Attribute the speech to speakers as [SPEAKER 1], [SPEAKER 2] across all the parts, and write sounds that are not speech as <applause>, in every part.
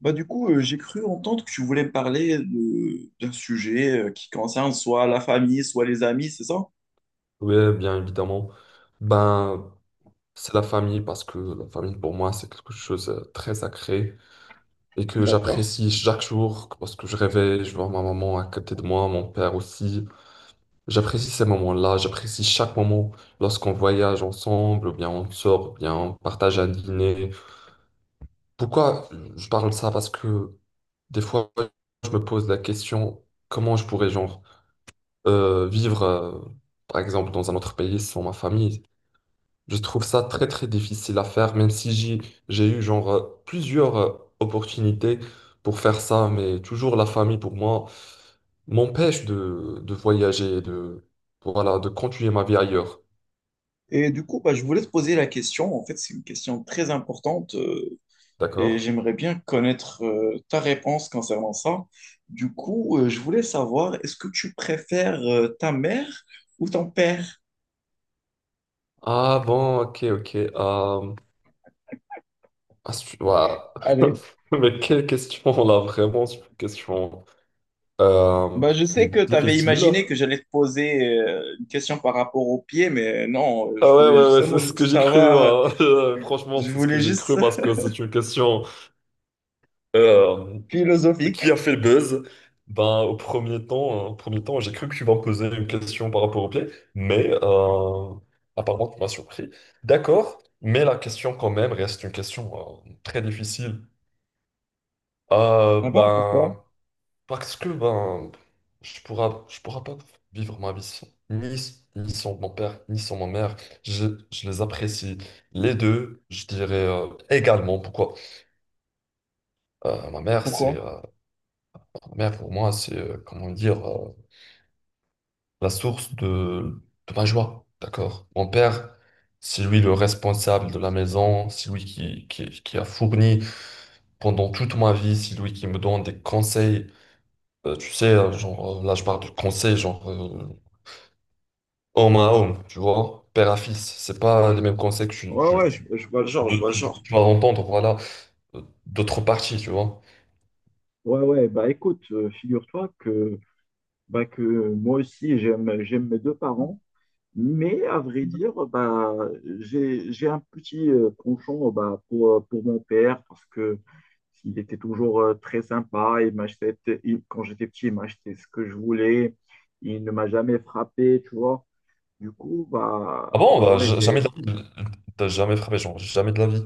[SPEAKER 1] J'ai cru entendre que tu voulais me parler d'un sujet qui concerne soit la famille, soit les amis, c'est ça?
[SPEAKER 2] Oui, bien évidemment. Ben, c'est la famille parce que la famille pour moi c'est quelque chose de très sacré et que
[SPEAKER 1] D'accord.
[SPEAKER 2] j'apprécie chaque jour parce que je réveille, je vois ma maman à côté de moi, mon père aussi. J'apprécie ces moments-là, j'apprécie chaque moment lorsqu'on voyage ensemble, ou bien on sort, ou bien on partage un dîner. Pourquoi je parle de ça? Parce que des fois je me pose la question comment je pourrais genre vivre par exemple dans un autre pays sans ma famille. Je trouve ça très très difficile à faire, même si j'ai eu genre plusieurs opportunités pour faire ça, mais toujours la famille pour moi m'empêche de voyager, de voilà, de continuer ma vie ailleurs.
[SPEAKER 1] Et du coup, bah, je voulais te poser la question. En fait, c'est une question très importante, et
[SPEAKER 2] D'accord?
[SPEAKER 1] j'aimerais bien connaître ta réponse concernant ça. Du coup, je voulais savoir, est-ce que tu préfères ta mère ou ton père?
[SPEAKER 2] Ah bon, ok, ok. Ah, ouah.
[SPEAKER 1] Allez.
[SPEAKER 2] <laughs> Mais quelle question là, vraiment, c'est une question
[SPEAKER 1] Bah, je
[SPEAKER 2] qui est
[SPEAKER 1] sais que tu avais
[SPEAKER 2] difficile.
[SPEAKER 1] imaginé que j'allais te poser une question par rapport au pied, mais non, je
[SPEAKER 2] Ah ouais,
[SPEAKER 1] voulais
[SPEAKER 2] ouais, ouais, c'est
[SPEAKER 1] seulement
[SPEAKER 2] ce que
[SPEAKER 1] juste
[SPEAKER 2] j'ai cru,
[SPEAKER 1] savoir,
[SPEAKER 2] hein. <laughs> Franchement,
[SPEAKER 1] je
[SPEAKER 2] c'est ce que
[SPEAKER 1] voulais
[SPEAKER 2] j'ai
[SPEAKER 1] juste
[SPEAKER 2] cru parce que c'est une question. euh, Qui
[SPEAKER 1] philosophique.
[SPEAKER 2] a fait le buzz? Ben, au premier temps, j'ai cru que tu vas me poser une question par rapport au play, mais apparemment, tu m'as surpris. D'accord, mais la question quand même reste une question très difficile.
[SPEAKER 1] Ah
[SPEAKER 2] Euh,
[SPEAKER 1] bon, pourquoi?
[SPEAKER 2] ben, Parce que ben, je pourra pas vivre ma vie sans, ni, ni sans mon père, ni sans ma mère. Je, je les apprécie les deux, je dirais également. Pourquoi? Euh, ma mère, c'est
[SPEAKER 1] Pourquoi?
[SPEAKER 2] euh, Ma mère pour moi, c'est comment dire. La source de ma joie, d'accord? Mon père, c'est lui le responsable de la maison, c'est lui qui a fourni pendant toute ma vie, c'est lui qui me donne des conseils. Tu sais, là, je parle de conseils, homme à homme, tu vois, père à fils. C'est pas les mêmes conseils que
[SPEAKER 1] Ouais, ouais, je vois le genre, je vois le genre.
[SPEAKER 2] tu vas entendre, voilà, d'autres parties, tu vois.
[SPEAKER 1] Ouais, ouais, bah écoute, figure-toi que, bah, que moi aussi, j'aime mes deux parents, mais à vrai dire, bah, j'ai un petit penchant bah, pour mon père parce que il était toujours très sympa, il m'achetait, quand j'étais petit, il m'achetait ce que je voulais, il ne m'a jamais frappé, tu vois. Du coup, bah,
[SPEAKER 2] Ah bon,
[SPEAKER 1] bah
[SPEAKER 2] bah,
[SPEAKER 1] ouais,
[SPEAKER 2] jamais
[SPEAKER 1] j'ai,
[SPEAKER 2] de la vie, t'as jamais frappé, genre, jamais de la vie.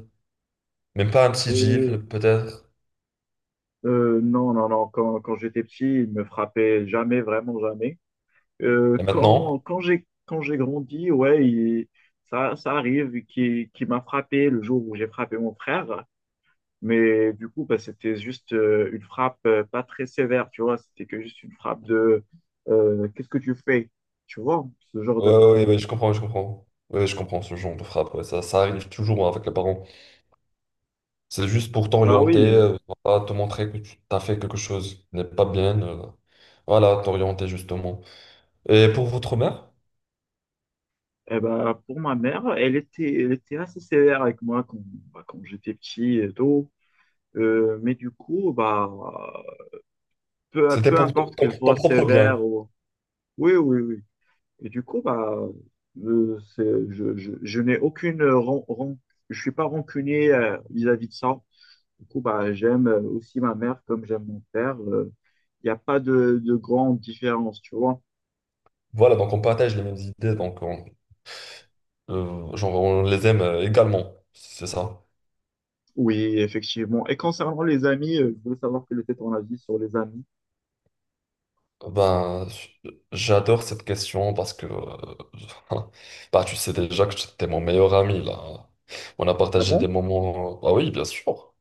[SPEAKER 2] Même pas un petit gifle,
[SPEAKER 1] euh,
[SPEAKER 2] peut-être.
[SPEAKER 1] euh, non, non, non. Quand j'étais petit, il me frappait jamais, vraiment jamais.
[SPEAKER 2] Et maintenant?
[SPEAKER 1] Quand j'ai grandi, ouais, il- ça, ça arrive. Qui M'a frappé le jour où j'ai frappé mon frère. Mais du coup, bah, c'était juste une frappe pas très sévère, tu vois. C'était que juste une frappe de qu'est-ce que tu fais? Tu vois, ce genre
[SPEAKER 2] Ouais,
[SPEAKER 1] de
[SPEAKER 2] ouais,
[SPEAKER 1] frappe.
[SPEAKER 2] ouais, ouais, je comprends, je comprends. Ouais, je comprends ce genre de frappe. Ouais, ça arrive toujours hein, avec les parents. C'est juste pour
[SPEAKER 1] Bah
[SPEAKER 2] t'orienter,
[SPEAKER 1] oui. Euh,
[SPEAKER 2] voilà, te montrer que tu as fait quelque chose qui n'est pas bien. Voilà, t'orienter justement. Et pour votre mère,
[SPEAKER 1] eh ben, pour ma mère, elle était assez sévère avec moi quand, bah, quand j'étais petit et tout. Mais du coup, bah,
[SPEAKER 2] c'était
[SPEAKER 1] peu
[SPEAKER 2] pour ton,
[SPEAKER 1] importe qu'il
[SPEAKER 2] ton
[SPEAKER 1] soit
[SPEAKER 2] propre
[SPEAKER 1] sévère
[SPEAKER 2] bien.
[SPEAKER 1] ou... Oui, oui, oui. Et du coup, bah, c'est, je n'ai aucune... Je suis pas rancunier vis-à-vis de ça. Du coup, bah, j'aime aussi ma mère comme j'aime mon père. Il n'y a pas de, de grande différence, tu vois.
[SPEAKER 2] Voilà, donc on partage les mêmes idées, donc on, genre on les aime également. C'est ça.
[SPEAKER 1] Oui, bon. Et quand les amis, je voulais savoir quel était ton avis sur les amis.
[SPEAKER 2] Ben, j'adore cette question parce que <laughs> bah, tu sais déjà que t'es mon meilleur ami là. On a
[SPEAKER 1] Ah
[SPEAKER 2] partagé
[SPEAKER 1] bon?
[SPEAKER 2] des moments. Ah oui, bien sûr.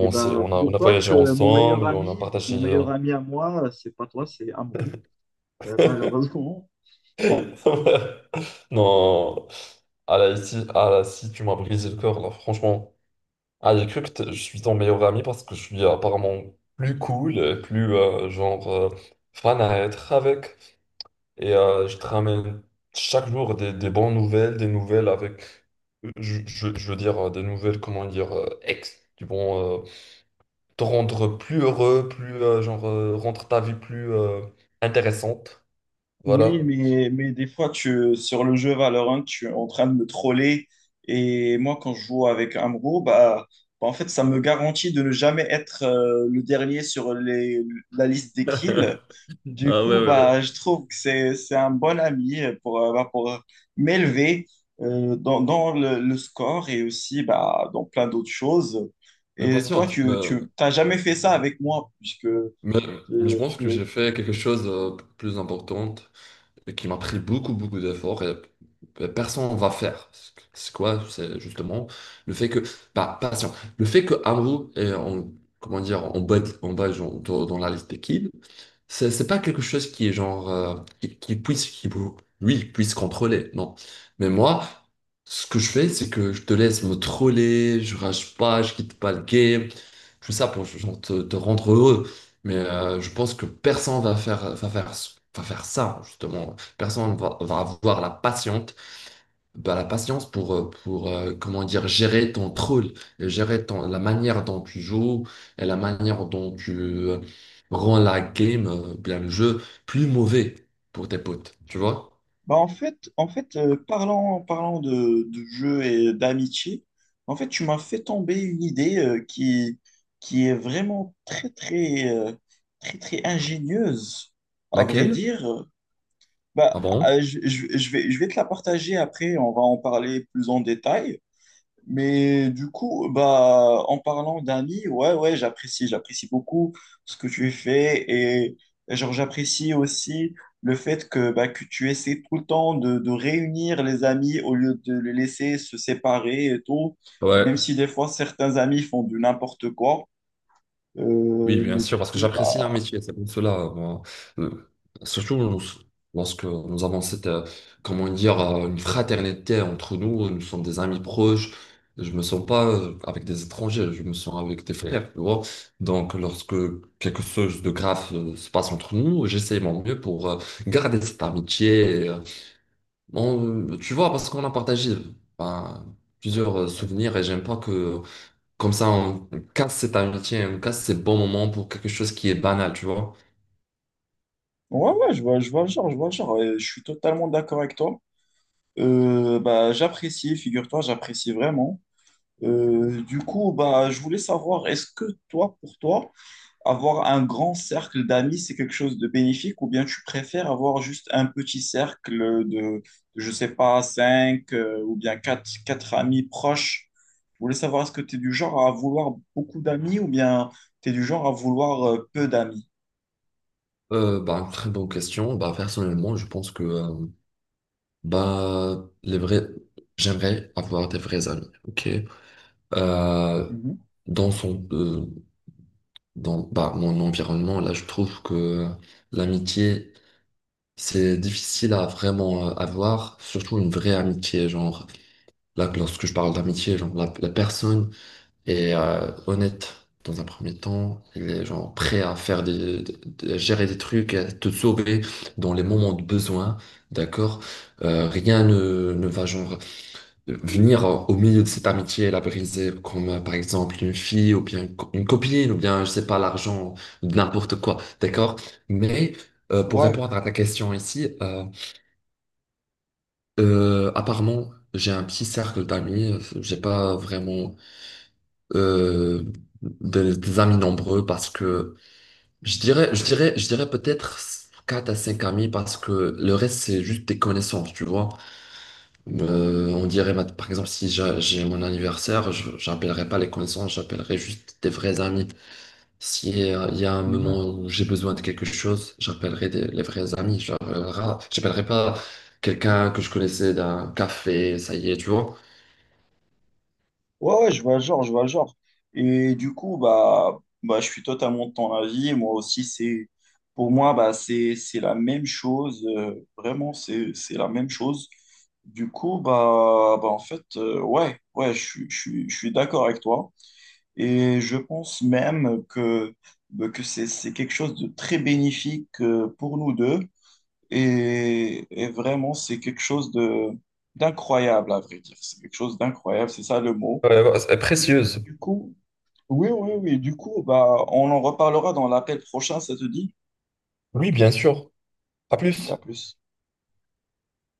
[SPEAKER 1] Eh
[SPEAKER 2] s'est-
[SPEAKER 1] ben,
[SPEAKER 2] On a
[SPEAKER 1] figure-toi
[SPEAKER 2] voyagé
[SPEAKER 1] que
[SPEAKER 2] ensemble, on a
[SPEAKER 1] mon
[SPEAKER 2] partagé.
[SPEAKER 1] meilleur ami à moi, c'est pas toi, c'est Amrou. Malheureusement,
[SPEAKER 2] <laughs> Non, ah là, ici, ah là, si tu m'as brisé le cœur là, franchement. Ah, j'ai cru que je suis ton meilleur ami parce que je suis apparemment plus cool, et plus fan à être avec. Et je te ramène chaque jour des bonnes nouvelles, des nouvelles avec, je veux dire, des nouvelles, comment dire, qui vont te rendre plus heureux, plus, rendre ta vie plus intéressante.
[SPEAKER 1] oui,
[SPEAKER 2] Voilà.
[SPEAKER 1] mais des fois, tu, sur le jeu Valorant, tu es en train de me troller. Et moi, quand je joue avec Amro, bah, bah, en fait, ça me garantit de ne jamais être le dernier sur les, la liste des kills. Du coup,
[SPEAKER 2] Euh,
[SPEAKER 1] bah, je trouve que c'est un bon ami pour, bah, pour m'élever, dans, dans le score et aussi bah, dans plein d'autres choses.
[SPEAKER 2] Mais
[SPEAKER 1] Et toi,
[SPEAKER 2] patiente,
[SPEAKER 1] tu, tu t'as jamais fait ça avec moi, puisque
[SPEAKER 2] mais, mais je pense que
[SPEAKER 1] tu,
[SPEAKER 2] j'ai fait quelque chose de plus important, et qui m'a pris beaucoup, beaucoup d'efforts et personne ne va faire. C'est quoi? C'est justement le fait que, bah, patient, le fait que Amrou est en, comment dire, en bas genre, dans la liste des kids, c'est pas quelque chose qui est genre qui puisse qui lui puisse contrôler, non. Mais moi, ce que je fais, c'est que je te laisse me troller, je rage pas, je quitte pas le game, tout ça pour genre, te rendre heureux. Mais je pense que personne va faire ça justement. Personne va avoir la patience bah, la patience pour comment dire, gérer ton troll, gérer ton, la manière dont tu joues et la manière dont tu rends la game, bien le jeu, plus mauvais pour tes potes, tu vois?
[SPEAKER 1] bah en fait parlant, parlant de jeu et d'amitié, en fait, tu m'as fait tomber une idée qui est vraiment très, très, très, très ingénieuse, à vrai
[SPEAKER 2] Laquelle?
[SPEAKER 1] dire. Bah,
[SPEAKER 2] Ah bon?
[SPEAKER 1] je, je vais te la partager après, on va en parler plus en détail. Mais du coup, bah, en parlant d'amis, ouais, ouais, j'apprécie beaucoup ce que tu fais et genre, j'apprécie aussi le fait que, bah, que tu essaies tout le temps de réunir les amis au lieu de les laisser se séparer et tout, même
[SPEAKER 2] Ouais.
[SPEAKER 1] si des fois certains amis font du n'importe quoi.
[SPEAKER 2] Oui, bien
[SPEAKER 1] Mais
[SPEAKER 2] sûr,
[SPEAKER 1] du
[SPEAKER 2] parce que
[SPEAKER 1] coup,
[SPEAKER 2] j'apprécie leur
[SPEAKER 1] bah,
[SPEAKER 2] métier, c'est pour cela. Moi. Euh, Surtout lorsque nous avons cette, comment dire, une fraternité entre nous, nous sommes des amis proches. Je me sens pas avec des étrangers, je me sens avec des frères, tu vois. Donc, lorsque quelque chose de grave se passe entre nous, j'essaie mon mieux pour garder cette amitié, tu vois, parce qu'on a partagé ben, plusieurs souvenirs et j'aime pas que comme ça, on casse cet amitié, on casse ces bons moments pour quelque chose qui est banal, tu vois.
[SPEAKER 1] ouais, ouais, je vois le genre, je vois le genre, et je suis totalement d'accord avec toi. Bah, j'apprécie, figure-toi, j'apprécie vraiment. Du coup, bah, je voulais savoir, est-ce que toi, pour toi, avoir un grand cercle d'amis, c'est quelque chose de bénéfique ou bien tu préfères avoir juste un petit cercle de, je sais pas, cinq ou bien quatre, quatre amis proches? Je voulais savoir, est-ce que tu es du genre à vouloir beaucoup d'amis ou bien tu es du genre à vouloir peu d'amis?
[SPEAKER 2] Bah, très bonne question. Bah, personnellement, je pense que bah, les vrais... j'aimerais avoir des vrais amis. Ok. Euh,
[SPEAKER 1] Mhm.
[SPEAKER 2] dans son, euh, Dans bah, mon environnement, là, je trouve que l'amitié, c'est difficile à vraiment avoir, surtout une vraie amitié. Genre, là, lorsque je parle d'amitié, genre, la personne et honnête dans un premier temps. Il est genre prêt à faire à gérer des trucs, à te sauver dans les moments de besoin, d'accord? Rien ne va genre venir au milieu de cette amitié et la briser, comme par exemple une fille ou bien une copine ou bien je sais pas l'argent, n'importe quoi, d'accord? Mais pour
[SPEAKER 1] Ouais.
[SPEAKER 2] répondre à ta question ici, apparemment, j'ai un petit cercle d'amis, j'ai pas vraiment euh, des amis nombreux parce que je dirais peut-être 4 à 5 amis parce que le reste, c'est juste des connaissances, tu vois. On dirait, par exemple, si j'ai mon anniversaire, je j'appellerai pas les connaissances, j'appellerai juste des vrais amis. Si y il y a un moment
[SPEAKER 1] Mhm.
[SPEAKER 2] où j'ai besoin de quelque chose, j'appellerai les vrais amis. J'appellerai pas quelqu'un que je connaissais d'un café, ça y est, tu vois.
[SPEAKER 1] Ouais, ouais, je vois le genre, je vois le genre. Et du coup, bah, bah, je suis totalement de ton avis. Moi aussi, c'est, pour moi, bah, c'est la même chose. Euh, vraiment, c'est la même chose. Du coup, bah, bah en fait, ouais, ouais, je, je suis d'accord avec toi. Et je pense même que, bah, que c'est quelque chose de très bénéfique pour nous deux. Et vraiment, c'est quelque chose de, d'incroyable, à vrai dire. C'est quelque chose d'incroyable, c'est ça le mot.
[SPEAKER 2] Ouais, ouais, c'est précieuse.
[SPEAKER 1] Du coup, oui, oui, oui. Du coup, bah, on en reparlera dans l'appel prochain, ça te dit?
[SPEAKER 2] Oui, bien sûr. À
[SPEAKER 1] À
[SPEAKER 2] plus.
[SPEAKER 1] plus.